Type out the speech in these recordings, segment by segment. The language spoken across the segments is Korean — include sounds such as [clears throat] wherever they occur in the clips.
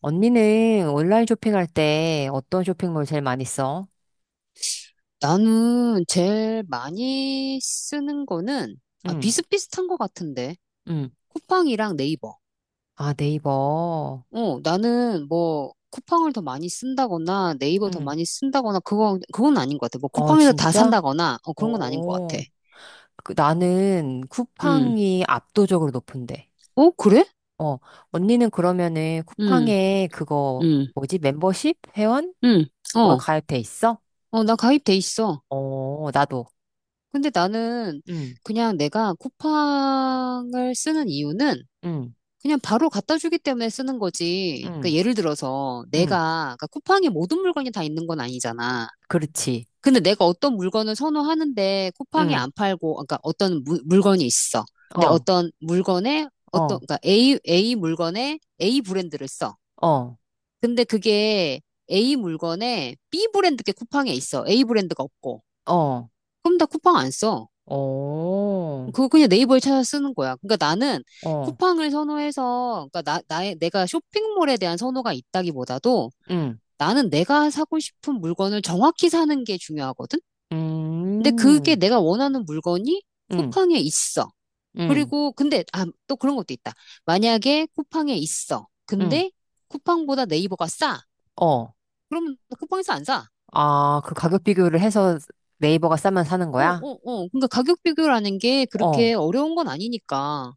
언니는 온라인 쇼핑할 때 어떤 쇼핑몰 제일 많이 써? 나는 제일 많이 쓰는 거는 응, 비슷비슷한 것 같은데 응. 쿠팡이랑 네이버. 아, 네이버. 나는 뭐 쿠팡을 더 많이 쓴다거나 네이버 더 응. 많이 쓴다거나 그거 그건 아닌 것 같아. 뭐 어, 쿠팡에서 다 진짜? 산다거나 그런 건 아닌 것 같아. 오. 나는 음. 쿠팡이 압도적으로 높은데. 어, 그래? 어, 언니는 그러면은 음. 쿠팡에 그거, 음. 뭐지? 멤버십? 회원? 음. 그거 어. 가입돼 있어? 나 가입돼 있어. 어, 나도. 근데 나는 응, 그냥 내가 쿠팡을 쓰는 이유는 응, 그냥 바로 갖다 주기 때문에 쓰는 거지. 응, 그러니까 예를 들어서 응. 내가 그러니까 쿠팡에 모든 물건이 다 있는 건 아니잖아. 그렇지. 근데 내가 어떤 물건을 선호하는데 쿠팡에 응, 안 팔고 그러니까 물건이 있어. 근데 어, 어떤 물건에 어떤 어, 그러니까 A 물건에 A 브랜드를 써. 어, 근데 그게 A 물건에 B 브랜드 게 쿠팡에 있어. A 브랜드가 없고. 어, 그럼 나 쿠팡 안 써. 어, 그거 그냥 네이버에 찾아 쓰는 거야. 그러니까 나는 어, 쿠팡을 선호해서, 그러니까 내가 쇼핑몰에 대한 선호가 있다기보다도 응. 나는 내가 사고 싶은 물건을 정확히 사는 게 중요하거든? 근데 그게 음, 내가 원하는 물건이 음, 쿠팡에 있어. 음, 또 그런 것도 있다. 만약에 쿠팡에 있어. 음, 근데 쿠팡보다 네이버가 싸. 어. 그러면 쿠팡에서 안 사. 아, 그 가격 비교를 해서 네이버가 싸면 사는 어, 거야? 어, 어. 그러니까 가격 비교라는 게 어, 그렇게 어려운 건 아니니까.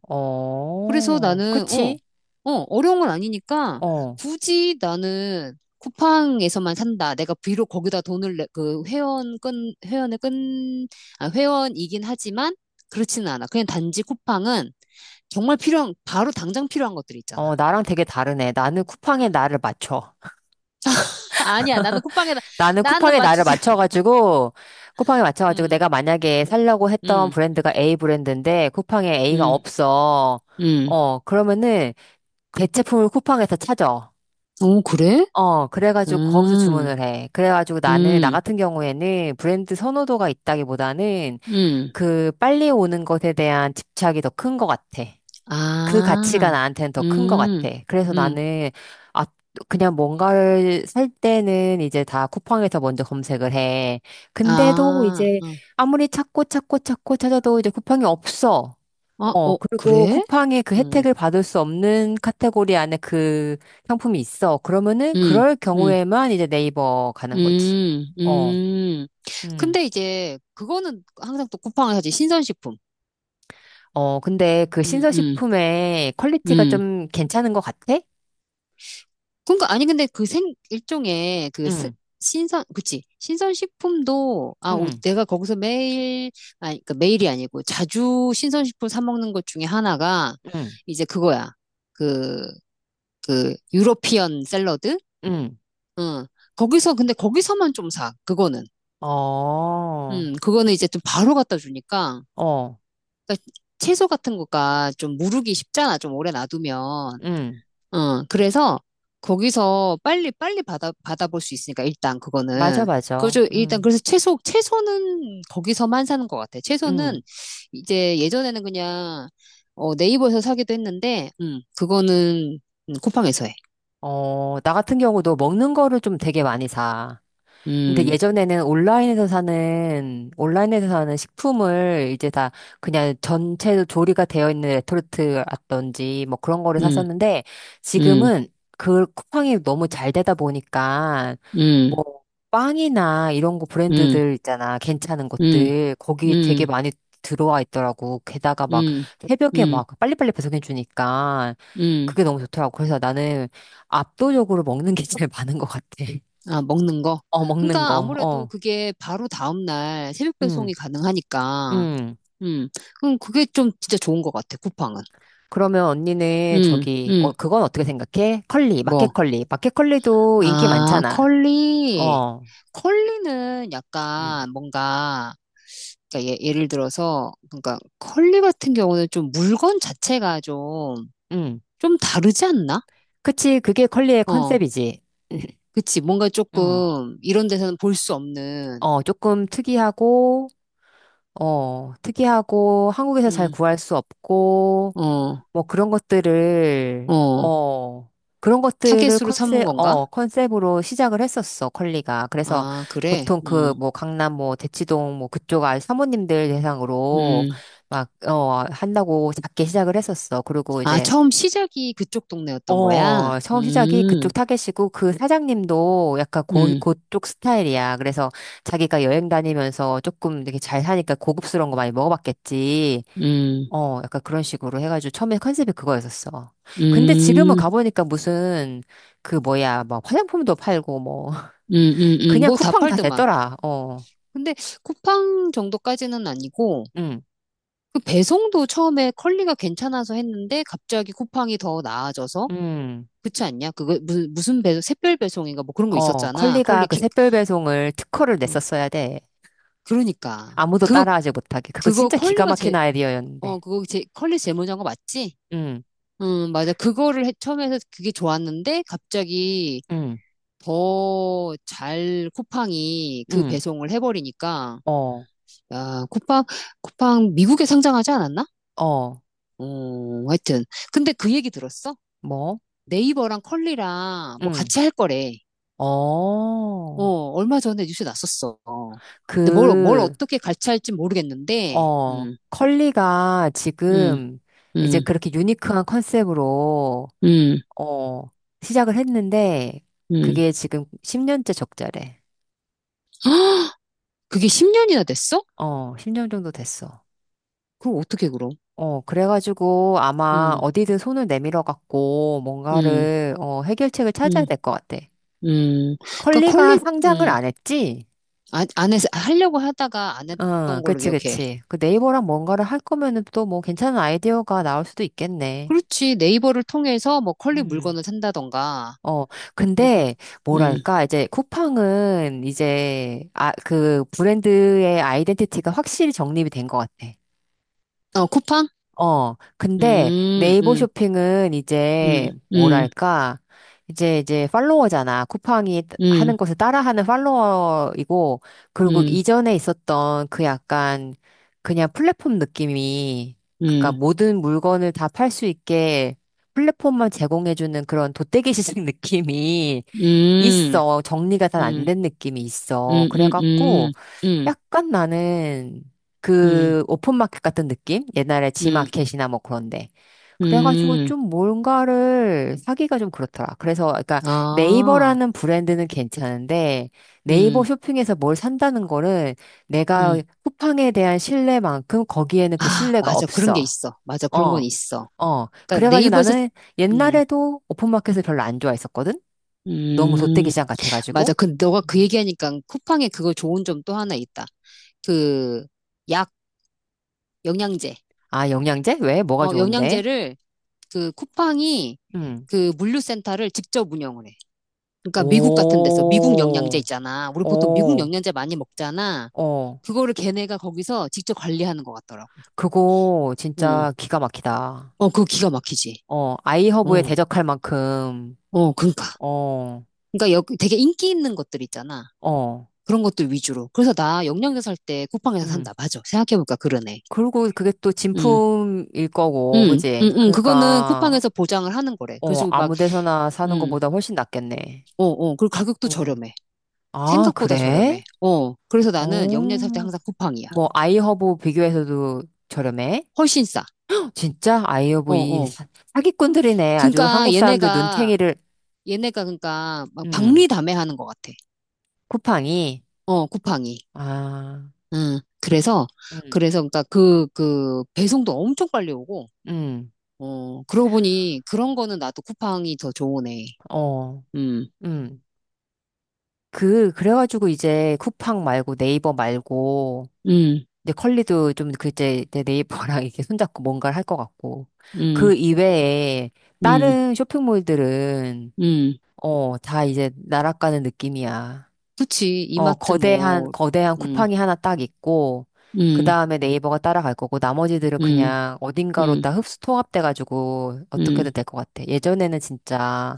그래서 어, 나는, 어, 그치? 어, 어려운 건 아니니까 어, 굳이 나는 쿠팡에서만 산다. 내가 비록 거기다 돈을 내, 그 회원 끈, 회원의 끈, 아, 회원이긴 하지만 그렇지는 않아. 그냥 단지 쿠팡은 정말 필요한, 바로 당장 필요한 것들이 있잖아. 어, 나랑 되게 다르네. 나는 쿠팡에 나를 맞춰. [laughs] [laughs] 아니야, 나는 나는 쿠팡에 나를 맞추지. [laughs] 맞춰가지고, 쿠팡에 맞춰가지고 음, 내가 만약에 살려고 했던 음, 브랜드가 A 브랜드인데, 쿠팡에 A가 음, 없어. 음. 어, 그러면은 대체품을 쿠팡에서 찾아. 오, 그래? 어, 그래가지고 거기서 음, 주문을 해. 그래가지고 나는, 나 음, 같은 경우에는 브랜드 선호도가 있다기보다는 음. 그 빨리 오는 것에 대한 집착이 더 큰 것 같아. 그 가치가 아, 나한테는 더 큰 것 음, 같아. 그래서 음. 나는, 아, 그냥 뭔가를 살 때는 이제 다 쿠팡에서 먼저 검색을 해. 근데도 아, 이제 어. 아무리 찾고 찾고 찾고 찾아도 이제 쿠팡이 없어. 아, 어, 그리고 그래? 쿠팡의 그 음, 혜택을 받을 수 없는 카테고리 안에 그 상품이 있어. 그러면은 음, 그럴 음, 경우에만 이제 네이버 가는 거지. 음, 어, 음. 음. 근데 이제 그거는 항상 또 쿠팡을 사지, 신선식품. 어, 근데 그 음, 음, 신서식품의 퀄리티가 음. 좀 괜찮은 것 같아? 그러니까 아니 근데 그 생 일종의 그 스- 응, 신선, 그치, 신선식품도 응, 내가 거기서 매일 아니 그 매일이 아니고 자주 신선식품 사 먹는 것 중에 하나가 응, 이제 그거야. 그 그 유러피언 샐러드. 응. 응. 거기서만 좀 사. 그거는. 어, 그거는 이제 좀 바로 갖다 주니까. 어, 그러니까 채소 같은 거가 좀 무르기 쉽잖아. 좀 오래 놔두면. 응. 어, 그래서 거기서 빨리 빨리 받아볼 수 있으니까 일단 맞아, 그거는 맞아. 그죠. 일단 응, 그래서 채소는 거기서만 사는 것 같아. 채소는 응. 이제 예전에는 그냥 어, 네이버에서 사기도 했는데, 그거는 쿠팡에서 해. 어, 나 같은 경우도 먹는 거를 좀 되게 많이 사. 근데 음, 예전에는 온라인에서 사는, 온라인에서 사는 식품을 이제 다 그냥 전체 조리가 되어 있는 레토르트라든지 뭐 그런 거를 음, 샀었는데 음, 지금은 그 쿠팡이 너무 잘 되다 보니까 음, 뭐 빵이나 이런 거 음, 브랜드들 있잖아. 괜찮은 음, 것들. 거기 되게 음, 많이 들어와 있더라고. 게다가 막 음, 음, 새벽에 음. 막 빨리빨리 배송해 주니까 음. 그게 너무 좋더라고. 그래서 나는 압도적으로 먹는 게 제일 [laughs] 많은 것 같아. [laughs] 아, 먹는 거? 어, 먹는 그러니까 거. 아무래도 어. 그게 바로 다음날 새벽 음, 배송이 가능하니까, 음. 음, 그럼 그게 좀 진짜 좋은 것 같아, 쿠팡은. 그러면 언니는 음, 저기, 어, 음, 그건 어떻게 생각해? 컬리, 마켓 뭐, 컬리. 마켓 컬리도 인기 아, 많잖아. 컬리, 어, 컬리는 음. 약간 뭔가, 예를 들어서, 그러니까 컬리 같은 경우는 좀 물건 자체가 좀, 음. 좀 다르지 않나? 그치, 그게 컬리의 어, 컨셉이지. [clears throat] 그치, 뭔가 음. 조금 이런 데서는 볼 수 없는, 어, 조금 특이하고, 어, 특이하고, 한국에서 잘 음, 구할 수 없고, 어, 뭐 그런 것들을, 어, 어, 그런 것들을 타겟으로 삼은 컨셉, 건가? 어, 컨셉으로 시작을 했었어, 컬리가. 그래서 아, 그래? 보통 그 뭐 강남 뭐 대치동 뭐 그쪽 아 사모님들 대상으로 음. 막, 어, 한다고 작게 시작을 했었어. 그리고 아, 이제, 처음 시작이 그쪽 동네였던 거야? 어, 처음 시작이 그쪽 타겟이고 그 사장님도 약간 고, 음, 그쪽 스타일이야. 그래서 자기가 여행 다니면서 조금 되게 잘 사니까 고급스러운 거 많이 먹어봤겠지. 음, 어, 약간 그런 식으로 해가지고 처음에 컨셉이 그거였었어. 근데 지금은 음, 가보니까 무슨 그 뭐야, 뭐 화장품도 팔고 뭐 [laughs] 음, 그냥 뭐 다 쿠팡 다 팔더만. 됐더라. 어, 근데 쿠팡 정도까지는 아니고, 응, 그 배송도 처음에 컬리가 괜찮아서 했는데, 갑자기 쿠팡이 더 나아져서? 응. 그렇지 않냐? 무슨 배송, 샛별 배송인가 뭐 그런 거 있었잖아. 컬리가 컬리 그 킥, 샛별 배송을 특허를 어, 냈었어야 돼. 그러니까. 아무도 따라하지 못하게. 그거 그거 진짜 기가 컬리가 막힌 제, 아이디어였는데. 그거 제, 컬리 제모장거 맞지? 응, 맞아. 처음에 해서 그게 좋았는데, 갑자기 응, 더 잘 쿠팡이 그 응. 배송을 해버리니까, 어, 야, 쿠팡, 쿠팡 미국에 상장하지 않았나? 어, 어, 하여튼. 근데 그 얘기 들었어? 뭐? 네이버랑 컬리랑 뭐 응. 같이 할 거래. 어, 어. 얼마 전에 뉴스 났었어. 근데 뭘 그 어떻게 같이 할지 모르겠는데, 컬리가 음, 지금 이제 음, 그렇게 유니크한 컨셉으로, 음, 어, 시작을 했는데, 음. 그게 지금 10년째 적자래. [gasps] 그게 10년이나 됐어? 어, 10년 정도 됐어. 그럼 어떻게 그럼? 그래가지고 아마 음, 어디든 손을 내밀어 갖고 음. 뭔가를, 어, 해결책을 찾아야 음. 될 것 같아. 음, 그러니까 컬리가 콜리, 상장을 음, 안 했지? 안, 안 해서, 하려고 하다가 안 응, 했던 걸로 그치, 기억해. 그치. 그 네이버랑 뭔가를 할 거면은 또 뭐 괜찮은 아이디어가 나올 수도 있겠네. 그렇지. 네이버를 통해서 뭐 컬리 음. 물건을 산다던가, 어, 뭐, 그, 근데, 음, 뭐랄까, 이제 쿠팡은 이제, 아, 그 브랜드의 아이덴티티가 확실히 정립이 된 것 같아. 어, 쿠팡? 근데 음, 네이버 음, 쇼핑은 음, 이제, 음, 뭐랄까, 이제, 이제 팔로워잖아. 쿠팡이 음, 하는 것을 따라하는 팔로워이고, 그리고 음, 이전에 있었던 그 약간, 그냥 플랫폼 느낌이, 그니까 음, 모든 물건을 다 팔 수 있게 플랫폼만 제공해주는 그런 돗대기 시장 [laughs] 느낌이, 음, 있어. 정리가 잘 안 음, 된 느낌이 있어. 음, 음, 그래갖고, 음, 음, 약간 나는 음, 그 오픈마켓 같은 느낌? 옛날에 음, 지마켓이나 뭐 그런데. 그래가지고 음, 좀 뭔가를 사기가 좀 그렇더라. 그래서, 그러니까 아, 네이버라는 브랜드는 괜찮은데, 네이버 음, 쇼핑에서 뭘 산다는 거는 내가 음. 쿠팡에 대한 신뢰만큼 거기에는 그 아, 신뢰가 맞아. 그런 게 없어. 있어. 맞아. 그런 건 어. 있어. 어. 그러니까 그래가지고 네이버에서, 나는 음, 옛날에도 오픈마켓을 별로 안 좋아했었거든? 너무 돗대기 음. 시장 같아가지고. 맞아. 근데 너가 그 음. 얘기하니까 쿠팡에 그거 좋은 점 또 하나 있다. 그 약, 영양제. 아, 영양제? 왜? 뭐가 어, 좋은데? 영양제를 그 쿠팡이 음. 그 물류센터를 직접 운영을 해. 그러니까 미국 같은 데서 미국 영양제 오, 있잖아. 우리 보통 미국 오, 영양제 많이 먹잖아. 어. 그거를 걔네가 거기서 직접 관리하는 것 같더라고. 그거 진짜 응. 기가 막히다. 어, 그거 기가 막히지. 아이허브에 어, 대적할 만큼, 어, 그러니까. 어, 그러니까 여, 되게 인기 있는 것들 있잖아. 어, 그런 것들 위주로. 그래서 나 영양제 살 때 쿠팡에서 음. 산다. 맞아. 생각해보니까 그러네. 그리고 그게 또 음. 진품일 거고, 그지? 그거는 그러니까, 쿠팡에서 보장을 하는 거래. 그래서 막, 아무 데서나 사는 음, 것보다 훨씬 낫겠네. 어, 어, 그리고 가격도 어. 저렴해. 아, 생각보다 그래? 저렴해. 어, 그래서 나는 영내 살 어. 때 항상 쿠팡이야. 뭐, 아이허브 비교해서도 저렴해? 훨씬 싸. 진짜? 아이오브 어, 이 어. 사기꾼들이네. 아주 그러니까 한국 사람들 눈탱이를, 얘네가 그러니까 막 음, 박리다매하는 것 같아. 쿠팡이. 어, 쿠팡이. 아, 음, 그래서, 음, 그래서 그러니까 그 배송도 엄청 빨리 오고, 음, 어, 그러고 보니 그런 거는 나도 쿠팡이 더 좋으네. 어, 음, 음. 그, 그래가지고 이제 쿠팡 말고 네이버 말고, 음, 이제 컬리도 좀 그제 내 네이버랑 이렇게 손잡고 뭔가를 할 것 같고. 그 음, 이외에 음, 다른 쇼핑몰들은, 음. 다 이제 날아가는 느낌이야. 그치. 이마트 거대한, 뭐, 거대한 음. 쿠팡이 하나 딱 있고, 그 음, 다음에 네이버가 따라갈 거고, 나머지들은 음, 그냥 어딘가로 음, 다 흡수 통합돼가지고, 음, 어떻게든 될 것 같아. 예전에는 진짜,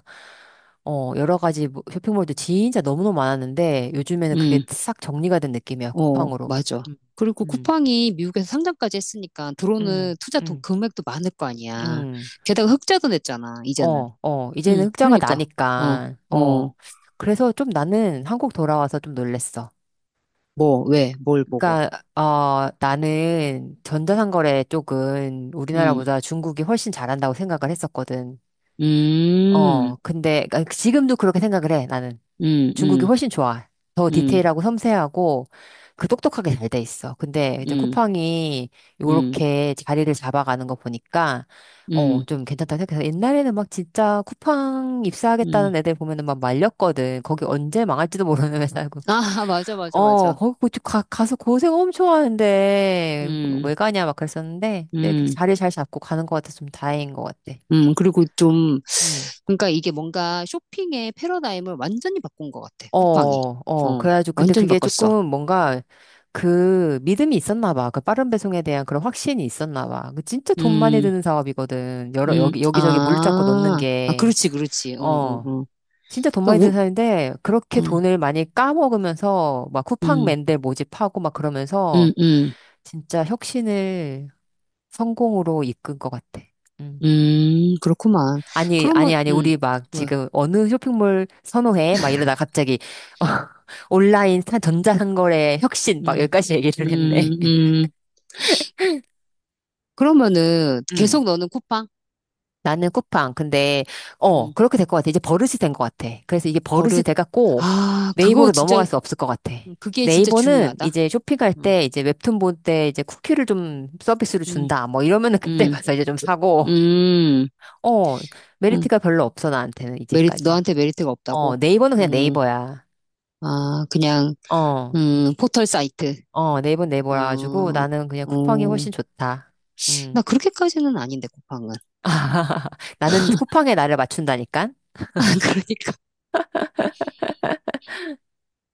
여러 가지 쇼핑몰도 진짜 너무너무 많았는데, 요즘에는 그게 음, 싹 정리가 된 느낌이야, 어, 쿠팡으로. 맞아. 음, 그리고 음, 쿠팡이 미국에서 상장까지 했으니까 들어오는 음, 투자 돈 음, 금액도 많을 거 아니야. 음. 게다가 흑자도 냈잖아, 이제는. 이제는 흑자가 그러니까. 어, 나니까, 어. 어, 그래서 좀 나는 한국 돌아와서 좀 놀랬어. 뭐, 왜, 뭘 보고. 그러니까 나는 전자상거래 쪽은 음, 우리나라보다 중국이 훨씬 잘한다고 생각을 했었거든. 음, 근데 그러니까 지금도 그렇게 생각을 해. 나는 음, 중국이 음, 훨씬 좋아. 더 음, 디테일하고 섬세하고 그 똑똑하게 잘 돼 있어. 근데 이제 음, 쿠팡이 음, 요렇게 자리를 잡아가는 거 보니까 음, 좀 괜찮다고 생각해서 옛날에는 막 진짜 쿠팡 음. 입사하겠다는 애들 보면은 막 말렸거든. 거기 언제 망할지도 모르는 [laughs] 회사고 아, [laughs] 맞아, 맞아, 맞아. 거기 가서 고생 엄청 하는데, 음, 왜 가냐, 막 그랬었는데, 이렇게 음. 자리 잘 잡고 가는 것 같아서 좀 다행인 것 같아. 그리고 좀, 응. 그러니까 이게 뭔가 쇼핑의 패러다임을 완전히 바꾼 것 같아, 어, 쿠팡이. 어, 어, 그래가지고, 근데 완전히 그게 바꿨어. 조금 뭔가, 그, 믿음이 있었나 봐. 그 빠른 배송에 대한 그런 확신이 있었나 봐. 그 진짜 돈 많이 음, 드는 사업이거든. 여기저기 물류창고 넣는 아, 아, 게. 그렇지, 그렇지. 응, 응, 어. 응. 진짜 돈 많이 그러니까 드는 우, 사업인데, 그렇게 응, 돈을 많이 까먹으면서, 막 응, 쿠팡맨들 모집하고 막 그러면서, 응, 응, 진짜 혁신을 성공으로 이끈 것 같아. 음. 그렇구만. 아니, 그러면, 아니, 아니, 응. 우리 막 왜, 지금 어느 쇼핑몰 선호해? 막 이러다 갑자기 [laughs] 어, 온라인 전자상거래 혁신 막 응, 여기까지 얘기를 했네. 응. 응, [laughs] 그러면은 음. 계속 너는 쿠팡? 나는 쿠팡. 근데, 응, 그렇게 될 것 같아. 이제 버릇이 된 것 같아. 그래서 이게 버릇이 버릇. 돼갖고 아, 그거 네이버로 진짜, 넘어갈 수 없을 것 같아. 그게 진짜 네이버는 중요하다. 이제 쇼핑할 응, 때 이제 웹툰 볼 때 이제 쿠키를 좀 서비스로 응, 준다. 뭐 이러면은 [laughs] 그때 응, 가서 이제 좀 사고. 어, 응. 메리트가 별로 없어, 나한테는 메리트, 이제까지. 너한테 메리트가 없다고? 네이버는 그냥 음, 네이버야. 아, 그냥, 어, 포털 사이트. 네이버는 네이버라 가지고 어, 나는 그냥 쿠팡이 어, 훨씬 좋다. 음. 나 그렇게까지는 아닌데, 쿠팡은. [laughs] 나는 쿠팡에 나를 맞춘다니까? [laughs] 그러니까.